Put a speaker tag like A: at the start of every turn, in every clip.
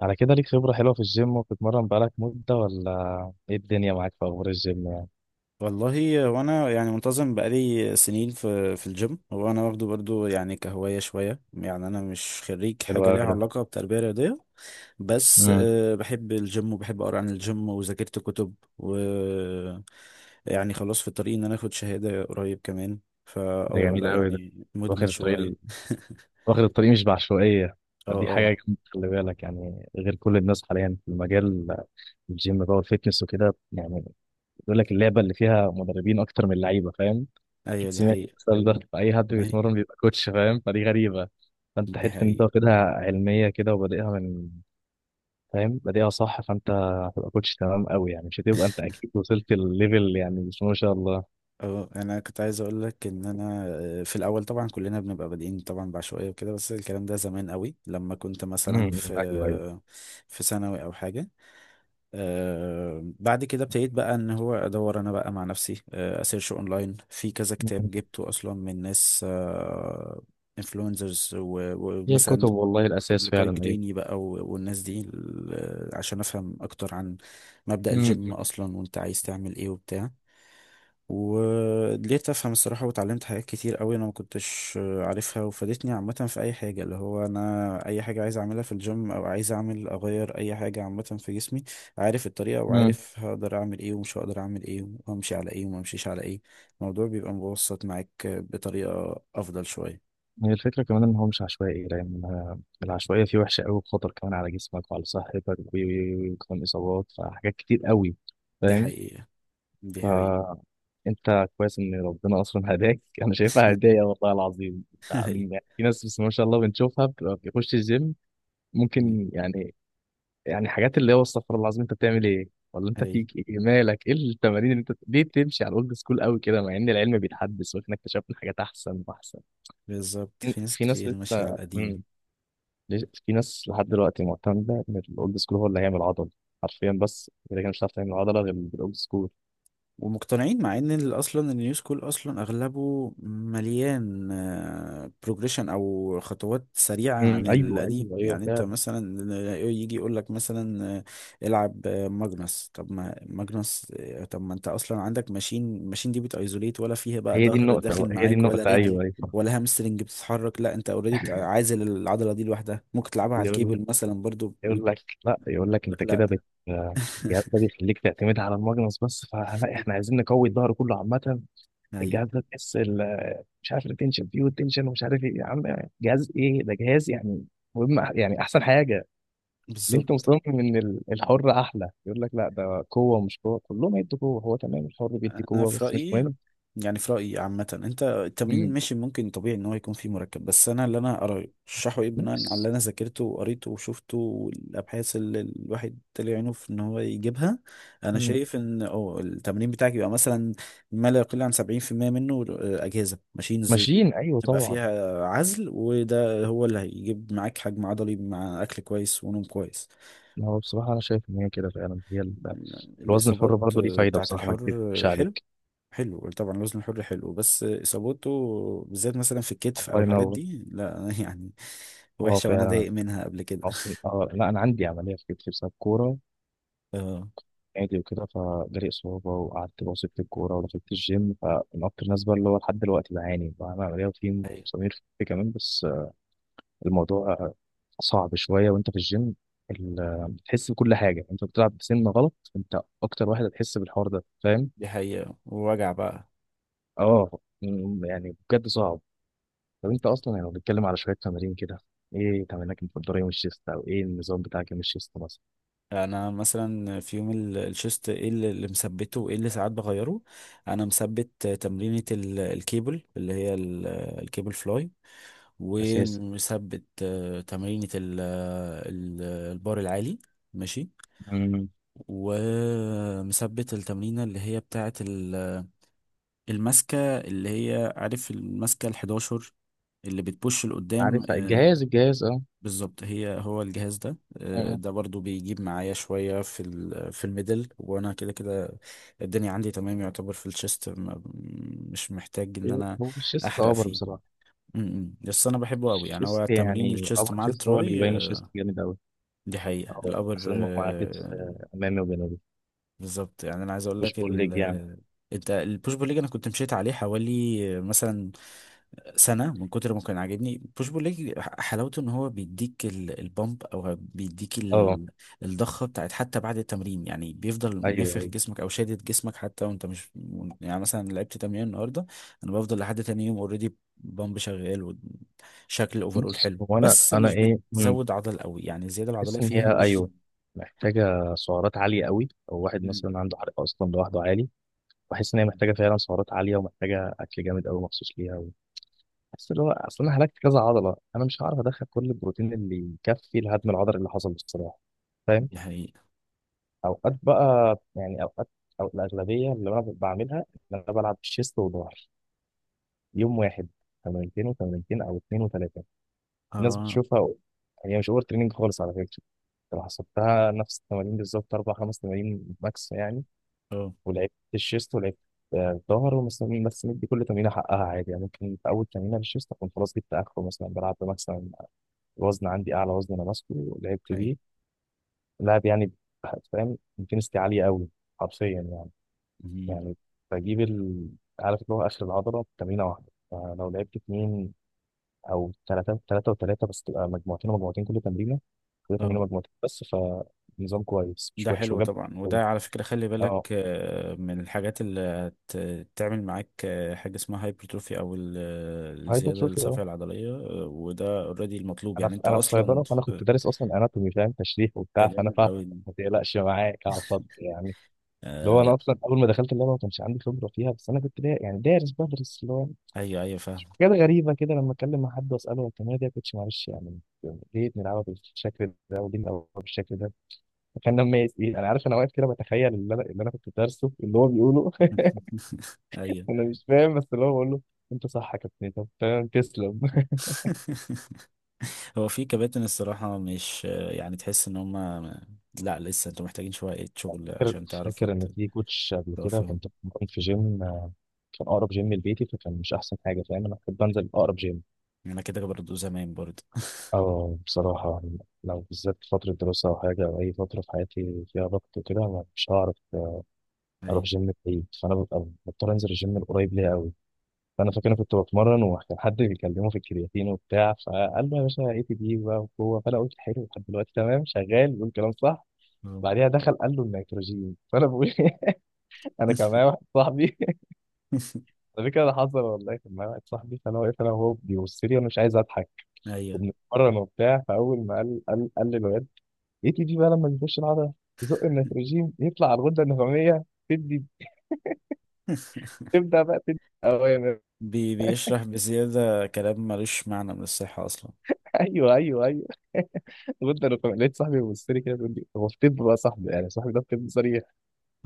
A: على كده، ليك خبرة حلوة في الجيم وبتتمرن بقالك مدة، ولا ايه، الدنيا معاك في أخبار الجيم؟ يعني
B: والله، وانا يعني منتظم بقالي سنين في الجيم. هو انا واخده برضو يعني كهواية شوية، يعني انا مش خريج
A: حلو
B: حاجة ليها
A: أوي ده.
B: علاقة بتربية رياضية. بس
A: امم.
B: أه، بحب الجيم وبحب اقرا عن الجيم وذاكرت كتب، و يعني خلاص في الطريق ان انا اخد شهادة قريب كمان. فا
A: ده جميل
B: لا
A: أوي ده.
B: يعني مدمن
A: واخد الطريق
B: شوية.
A: ال- واخد الطريق مش بعشوائية.
B: اه،
A: فدي حاجة
B: اه.
A: جامدة، خلي بالك يعني، غير كل الناس حاليا في المجال، الجيم بقى والفيتنس وكده يعني. بيقول لك اللعبة اللي فيها مدربين أكتر من لعيبة، فاهم؟
B: ايوه،
A: أكيد
B: دي
A: سمعت
B: حقيقة.
A: المثال ده، فأي حد
B: أي-
A: بيتمرن بيبقى كوتش، فاهم، فدي غريبة. فأنت
B: دي
A: حتة إن أنت
B: حقيقة.
A: واخدها علمية كده وبادئها من، فاهم، بادئها صح، فانت هتبقى كوتش تمام قوي، يعني مش هتبقى انت، اكيد وصلت الليفل يعني، بسم الله ما شاء الله.
B: اه، انا كنت عايز اقول لك ان انا في الاول طبعا كلنا بنبقى بادئين طبعا بعشوائيه وكده، بس الكلام ده زمان قوي لما كنت مثلا في
A: ايوه ايوه.
B: ثانوي او حاجه. بعد كده ابتديت بقى ان هو ادور انا بقى مع نفسي، اسيرش اونلاين، في كذا كتاب
A: أمم.
B: جبته اصلا من ناس انفلونزرز،
A: هي
B: ومثلا
A: الكتب والله الاساس
B: بوبليكاي
A: فعلا، ايوه.
B: جريني بقى، والناس دي عشان افهم اكتر عن مبدأ
A: امم.
B: الجيم اصلا، وانت عايز تعمل ايه وبتاع. ولقيت افهم الصراحه، واتعلمت حاجات كتير قوي انا ما كنتش عارفها، وفادتني عامه في اي حاجه، اللي هو انا اي حاجه عايز اعملها في الجيم او عايز اعمل اغير اي حاجه عامه في جسمي. عارف الطريقه،
A: أمم.
B: وعارف هقدر اعمل ايه ومش هقدر اعمل ايه، وامشي على ايه وما امشيش على ايه. الموضوع بيبقى مبسط معاك بطريقه افضل شويه.
A: هي الفكره كمان ان هو مش عشوائي، لان العشوائيه فيه وحشه قوي، بخطر كمان على جسمك وعلى صحتك، وكمان اصابات، فحاجات كتير قوي،
B: دي
A: فاهم؟
B: حقيقه، دي حقيقه.
A: فانت كويس ان ربنا اصلا هداك، انا شايفها هدايا والله العظيم.
B: هي
A: يعني في ناس، بس ما شاء الله بنشوفها، بتبقى بيخش الجيم ممكن يعني، يعني حاجات اللي هو استغفر الله العظيم، انت بتعمل ايه ولا انت
B: هي
A: فيك ايه، مالك، ايه التمارين اللي انت ليه بتمشي على الاولد سكول قوي كده، مع ان العلم بيتحدث واحنا اكتشفنا حاجات احسن واحسن.
B: بالظبط،
A: في
B: في ناس
A: في ناس
B: كتير ماشيه على
A: لسه.
B: القديم
A: مم. في ناس لحد دلوقتي معتمده ان الاولد سكول هو اللي هيعمل عضل حرفيا، بس اذا كان مش هتعرف تعمل عضله غير بالاولد سكول.
B: ومقتنعين، مع ان اصلا النيو سكول اصلا اغلبه مليان بروجريشن او خطوات سريعه
A: مم
B: عن
A: ايوه
B: القديم.
A: ايوه ايوه
B: يعني انت
A: فعلا.
B: مثلا يجي يقول لك مثلا العب ماجنس. طب ما ماجنس آه، طب ما انت اصلا عندك ماشين. الماشين دي بتايزوليت، ولا فيها بقى
A: هي دي
B: ظهر
A: النقطه
B: داخل
A: بقى، هي دي
B: معاك، ولا
A: النقطه،
B: رجل،
A: ايوه ايوه.
B: ولا هامسترنج بتتحرك؟ لا، انت اوريدي عازل العضله دي لوحدها، ممكن تلعبها على
A: يقول لك
B: الكيبل مثلا برضو.
A: يقول
B: ويقول
A: لك لا، يقول لك انت
B: لك لا.
A: كده بت، يا ده بيخليك تعتمد على الماجنس بس، فلا احنا عايزين نقوي الظهر كله عامه.
B: ايوه
A: الجهاز ده تحس مش عارف التنشن فيه والتنشن، ومش عارف ايه، يا عم جهاز ايه ده؟ جهاز يعني مهم، يعني احسن حاجه اللي انت
B: بالظبط.
A: مصمم ان الحر احلى. يقول لك لا، ده قوه مش قوه، كلهم هيدوا قوه، هو تمام الحر بيدي
B: انا
A: قوه
B: في
A: بس مش
B: رايي،
A: مهم.
B: يعني في رايي عامه، انت التمرين
A: امم.
B: ماشي، ممكن طبيعي ان هو يكون فيه مركب، بس انا اللي انا ارشحه ايه بناء على
A: بس.
B: اللي انا ذاكرته وقريته وشفته والابحاث اللي الواحد طلع عينه في ان هو يجيبها، انا
A: امم.
B: شايف ان اه التمرين بتاعك يبقى مثلا ما لا يقل عن 70% منه اجهزه ماشينز
A: ماشيين ايوه
B: تبقى
A: طبعا.
B: فيها عزل، وده هو اللي هيجيب معاك حجم عضلي مع اكل كويس ونوم كويس.
A: ما هو بصراحه انا شايف ان هي كده فعلا، هي الوزن الحر
B: الاصابات
A: برضه ليه فايده،
B: بتاعت
A: بصراحه ما
B: الحر
A: اكذبش
B: حلو.
A: عليك.
B: حلو طبعا الوزن الحر حلو، بس اصابته بالذات مثلا في الكتف او
A: الله
B: الحاجات
A: ينور.
B: دي لا، يعني
A: اه
B: وحشه، وانا
A: فعلا.
B: ضايق منها قبل كده.
A: اصلا اه لا، انا عندي عمليه في كتفي بسبب كوره،
B: اه.
A: عادي وكده، فجالي إصابة وقعدت باصي في الكورة ودخلت الجيم، فمن أكتر الناس بقى اللي هو لحد دلوقتي بعاني، بعمل عملية وفي
B: أيوة.
A: مسامير في كمان، بس الموضوع صعب شوية وأنت في الجيم، بتحس بكل حاجة، أنت بتلعب بسن غلط، أنت أكتر واحد هتحس بالحوار ده، فاهم؟
B: دي حقيقه ووجع بقى.
A: أه، يعني بجد صعب. طب أنت أصلا يعني لو بنتكلم على شوية تمارين كده، إيه تمارينك المفضلة يوم الشيست، أو إيه النظام بتاعك يوم الشيست مثلا؟
B: انا مثلا في يوم الشيست، ايه اللي مثبته وايه اللي ساعات بغيره. انا مثبت تمرينة الكيبل، اللي هي الكيبل فلاي.
A: أساسي.
B: ومثبت تمرينة ال- البار العالي. ماشي.
A: مم.
B: ومثبت التمرينة اللي هي بتاعة الماسكة، اللي هي عارف الماسكة الحداشر اللي بتبوش لقدام.
A: عارف الجهاز، أه.
B: بالظبط، هو الجهاز ده.
A: آه.
B: ده برضو بيجيب معايا شوية في في الميدل، وانا كده كده الدنيا عندي تمام يعتبر في الشيست. مش محتاج ان انا
A: هو الشيست
B: احرق
A: أوبر
B: فيه.
A: بصراحة.
B: م- م. بس انا بحبه قوي، يعني هو
A: الشيست
B: تمرين
A: يعني،
B: الشيست مع
A: الشيست هو اللي
B: التراي
A: بيبين، الشيست جامد قوي.
B: دي حقيقة
A: اه،
B: الابر
A: اصل انه مع كتف، امامي وجنبي.
B: بالظبط. يعني انا عايز اقول
A: مش
B: لك
A: بقول لك يعني.
B: انت البوش بول ليج انا كنت مشيت عليه حوالي مثلا سنة، من كتر ما كان عاجبني بوش بول ليج. حلاوته ان هو بيديك البامب، او بيديك
A: اه
B: الضخة بتاعت، حتى بعد التمرين يعني بيفضل
A: ايوه
B: نافخ
A: ايوه.
B: جسمك او شادد جسمك حتى وانت مش، يعني مثلا لعبت تمرين النهاردة، انا بفضل لحد تاني يوم اوريدي بامب شغال وشكل اوفرول
A: بص،
B: حلو.
A: هو انا
B: بس
A: انا
B: مش
A: ايه،
B: بتزود عضل قوي، يعني الزيادة العضلية
A: بحس ان هي،
B: فيها مش.
A: ايوه، محتاجه سعرات عاليه قوي، او واحد
B: مم.
A: مثلا عنده حرق اصلا لوحده عالي. بحس ان هي محتاجه فعلا سعرات عاليه، ومحتاجه اكل جامد قوي مخصوص ليها. بحس اللي هو اصل انا هلكت كذا عضله، انا مش هعرف ادخل كل البروتين اللي يكفي الهدم العضلي اللي حصل بصراحه، فاهم؟
B: دي حقيقة.
A: اوقات بقى يعني، اوقات او الاغلبيه اللي انا بعملها، ان انا بلعب شيست وظهر يوم واحد، تمرينتين وتمرينتين او اتنين وتلاته. في ناس
B: اه،
A: بتشوفها، هي مش اوفر تريننج خالص على فكره. لو حسبتها نفس التمارين بالظبط، اربع خمس تمارين ماكس يعني،
B: اه.
A: ولعبت الشيست ولعبت الظهر ومثلا، بس مدي كل تمرينه حقها عادي يعني، ممكن في اول تمرينه للشيست اكون خلاص جبت اخره، مثلا بلعب مثلا وزن عندي، اعلى وزن انا ماسكه ولعبت
B: أي.
A: بيه لعب يعني، فاهم، انتنستي عاليه قوي حرفيا يعني.
B: مم.
A: يعني بجيب عارف اللي هو آخر العضلة بتمرينة واحدة، فلو لعبت اتنين أو تلاتة، تلاتة وتلاتة بس، تبقى مجموعتين ومجموعتين، كل تمرينة، كل تمرينة
B: اه،
A: مجموعتين بس. فنظام كويس مش
B: ده
A: وحش
B: حلو
A: وجاب.
B: طبعا، وده على فكرة خلي
A: اه،
B: بالك من الحاجات اللي هتعمل معاك حاجة اسمها هايبرتروفي، أو الزيادة
A: هايبرتروفي، اه.
B: الصافية العضلية. وده اوريدي المطلوب، يعني أنت
A: أنا في
B: أصلا
A: صيدلة، فأنا كنت دارس أصلا أناتومي، فاهم تشريح
B: ده
A: وبتاع، فأنا
B: جامد
A: فاهم.
B: أوي.
A: ما تقلقش، معاك على الخط يعني. اللي هو
B: آه،
A: أنا أصلا أول ما دخلت اللعبة ما كانش عندي خبرة فيها، بس أنا كنت يعني دارس بدرس اللي هو
B: أيوه أيوه فاهم.
A: حاجات غريبة كده. لما أتكلم مع حد وأسأله، هو التمرينة دي يا كوتش معلش يعني، ليه بنلعبها بالشكل ده وليه بنلعبها بالشكل ده؟ فكان لما إيه أنا عارف، أنا واقف كده بتخيل، اللي أنا كنت دارسه اللي هو بيقوله
B: أيوه.
A: أنا مش فاهم، بس اللي هو بقول له أنت صح يا كابتن، طب تمام، تسلم.
B: هو في كباتن الصراحة مش يعني تحس إن هما لا، لسه أنتوا محتاجين شوية شغل
A: فاكر
B: عشان تعرفوا
A: فاكر إن في كوتش قبل كده
B: توقفوهم.
A: كنت بتمرن في جيم، كان أقرب جيم لبيتي، فكان مش أحسن حاجة، فاهم، أنا كنت بنزل أقرب جيم.
B: أنا كده برضه زمان برضه.
A: أه بصراحة، لو بالذات في فترة دراسة أو حاجة، أو أي فترة في حياتي فيها ضغط وكده، أنا مش هعرف
B: أيوه.
A: اروح جيم بعيد، فانا ببقى مضطر انزل الجيم القريب ليا قوي. فانا فاكر انا كنت بتمرن، وكان حد بيكلمه في الكرياتين وبتاع، فقال له يا باشا ATD بقى وقوه، فانا قلت حلو، لحد دلوقتي تمام، شغال بيقول كلام صح.
B: أه.
A: بعديها دخل قال له النيتروجين، فانا بقول انا كان معايا واحد صاحبي ده كده اللي حصل والله. كان معايا واحد صاحبي، فانا واقف انا وهو بيبص لي، وانا مش عايز اضحك،
B: ايوه.
A: وبنتمرن وبتاع. فاول ما قال للواد ATD بقى لما بيخش العضله، تزق النيتروجين، يطلع على الغده النخاميه، تدي تبدا بقى تدي اوامر.
B: بي بيشرح بزيادة كلام ملوش معنى من الصحة أصلا.
A: ايوه ايوه ايوه لقيت صاحبي بيبص لي كده، بيقول لي، هو في طب بقى صاحبي يعني، صاحبي ده في طب صريح،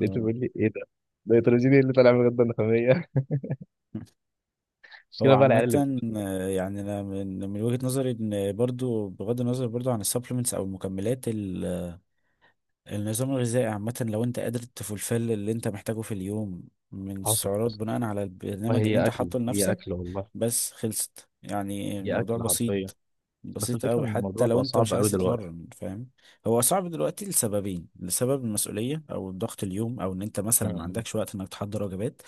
A: لقيته بيقول لي ايه ده؟ ده نيتروجيني اللي طالع من الغده النخاميه
B: هو
A: المشكله بقى العيال اللي...
B: عامة يعني أنا من وجهة نظري، إن برضو بغض النظر برضو عن السبلمنتس أو المكملات، النظام الغذائي عامة لو انت قادر تفلفل اللي انت محتاجه في اليوم من
A: حصل
B: السعرات
A: حصل
B: بناء على
A: والله.
B: البرنامج اللي
A: هي
B: انت
A: اكل،
B: حاطه
A: هي
B: لنفسك،
A: اكل والله،
B: بس خلصت. يعني
A: هي
B: الموضوع
A: اكل حرفيا.
B: بسيط،
A: بس
B: بسيط
A: الفكره
B: قوي
A: ان
B: حتى
A: الموضوع
B: لو
A: بقى
B: انت
A: صعب
B: مش
A: قوي
B: عايز
A: دلوقتي.
B: تتمرن، فاهم؟ هو صعب دلوقتي لسببين: لسبب المسؤولية او الضغط اليوم، او ان انت
A: م-
B: مثلا ما
A: م.
B: عندكش وقت انك تحضر وجبات.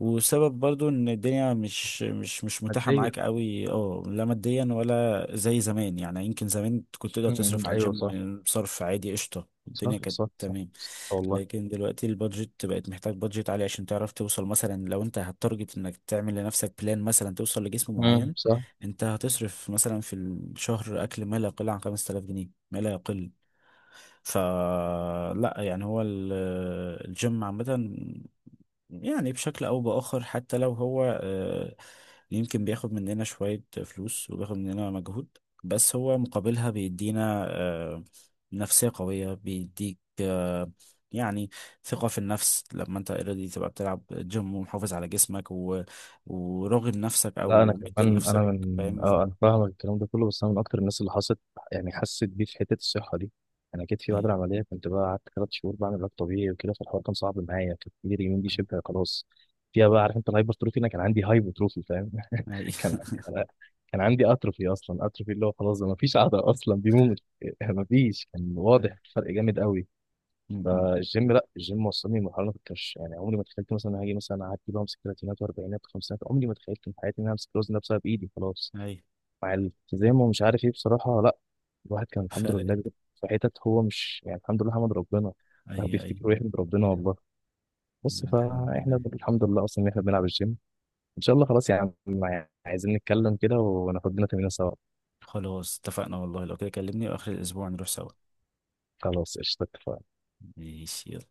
B: وسبب برضو ان الدنيا مش متاحة
A: ماديا.
B: معاك قوي، اه، لا ماديا، ولا زي زمان. يعني يمكن زمان كنت تقدر
A: م- م.
B: تصرف على
A: ايوه صح.
B: الجيم بصرف عادي، قشطة،
A: صح
B: الدنيا كانت
A: صح صح
B: تمام.
A: صح، والله.
B: لكن دلوقتي البادجت بقت، محتاج بادجت عالي عشان تعرف توصل، مثلا لو انت هتارجت انك تعمل لنفسك بلان مثلا توصل لجسم معين،
A: صح.
B: انت هتصرف مثلا في الشهر اكل ما لا يقل عن 5000 جنيه، ما لا يقل. فلا، يعني هو الجيم عامة، يعني بشكل أو بآخر، حتى لو هو يمكن بياخد مننا شوية فلوس وبياخد مننا مجهود، بس هو مقابلها بيدينا نفسية قوية، بيديك يعني ثقة في النفس لما انت اوريدي تبقى بتلعب جيم ومحافظ على جسمك و... وراغب نفسك
A: لا، انا
B: او مدي
A: كمان، انا
B: لنفسك.
A: من
B: فاهم.
A: انا فاهمك الكلام ده كله، بس انا من اكتر الناس اللي حست، يعني حست بيه في حته الصحه دي. انا جيت في بعد
B: اي،
A: العمليه، كنت بقى قعدت 3 شهور بعمل علاج طبيعي وكده، فالحوار كان صعب معايا، كانت ايدي اليمين دي شبه خلاص فيها بقى، عارف انت الهايبرتروفي، انا كان عندي هايبرتروفي فاهم،
B: اي.
A: كان عندي كان عندي اتروفي، اصلا اتروفي اللي هو خلاص ما فيش عضله اصلا، بيموت ما فيش، كان واضح فرق جامد قوي.
B: اي،
A: فالجيم، لا، الجيم وصلني لمرحله انا كنت مش يعني، عمري ما تخيلت مثلا هاجي مثلا اعدي بمسك ثلاثينات واربعينات وخمسينات، عمري ما تخيلت في حياتي ان انا امسك الوزن ده بسبب ايدي خلاص،
B: اي.
A: مع الالتزام ومش عارف ايه بصراحه. لا، الواحد كان الحمد لله
B: فرقت.
A: في حتت، هو مش يعني، الحمد لله، حمد ربنا، الواحد
B: اي، اي.
A: بيفتكر ويحمد ربنا والله. بس
B: الحمد
A: فاحنا
B: لله.
A: الحمد لله اصلا ان احنا بنلعب الجيم. ان شاء الله. خلاص يا عم، عايزين نتكلم كده وناخد لنا تمرين سوا.
B: خلاص اتفقنا، والله لو كده كلمني واخر الاسبوع نروح سوا.
A: خلاص قشطة.
B: ماشي، يلا.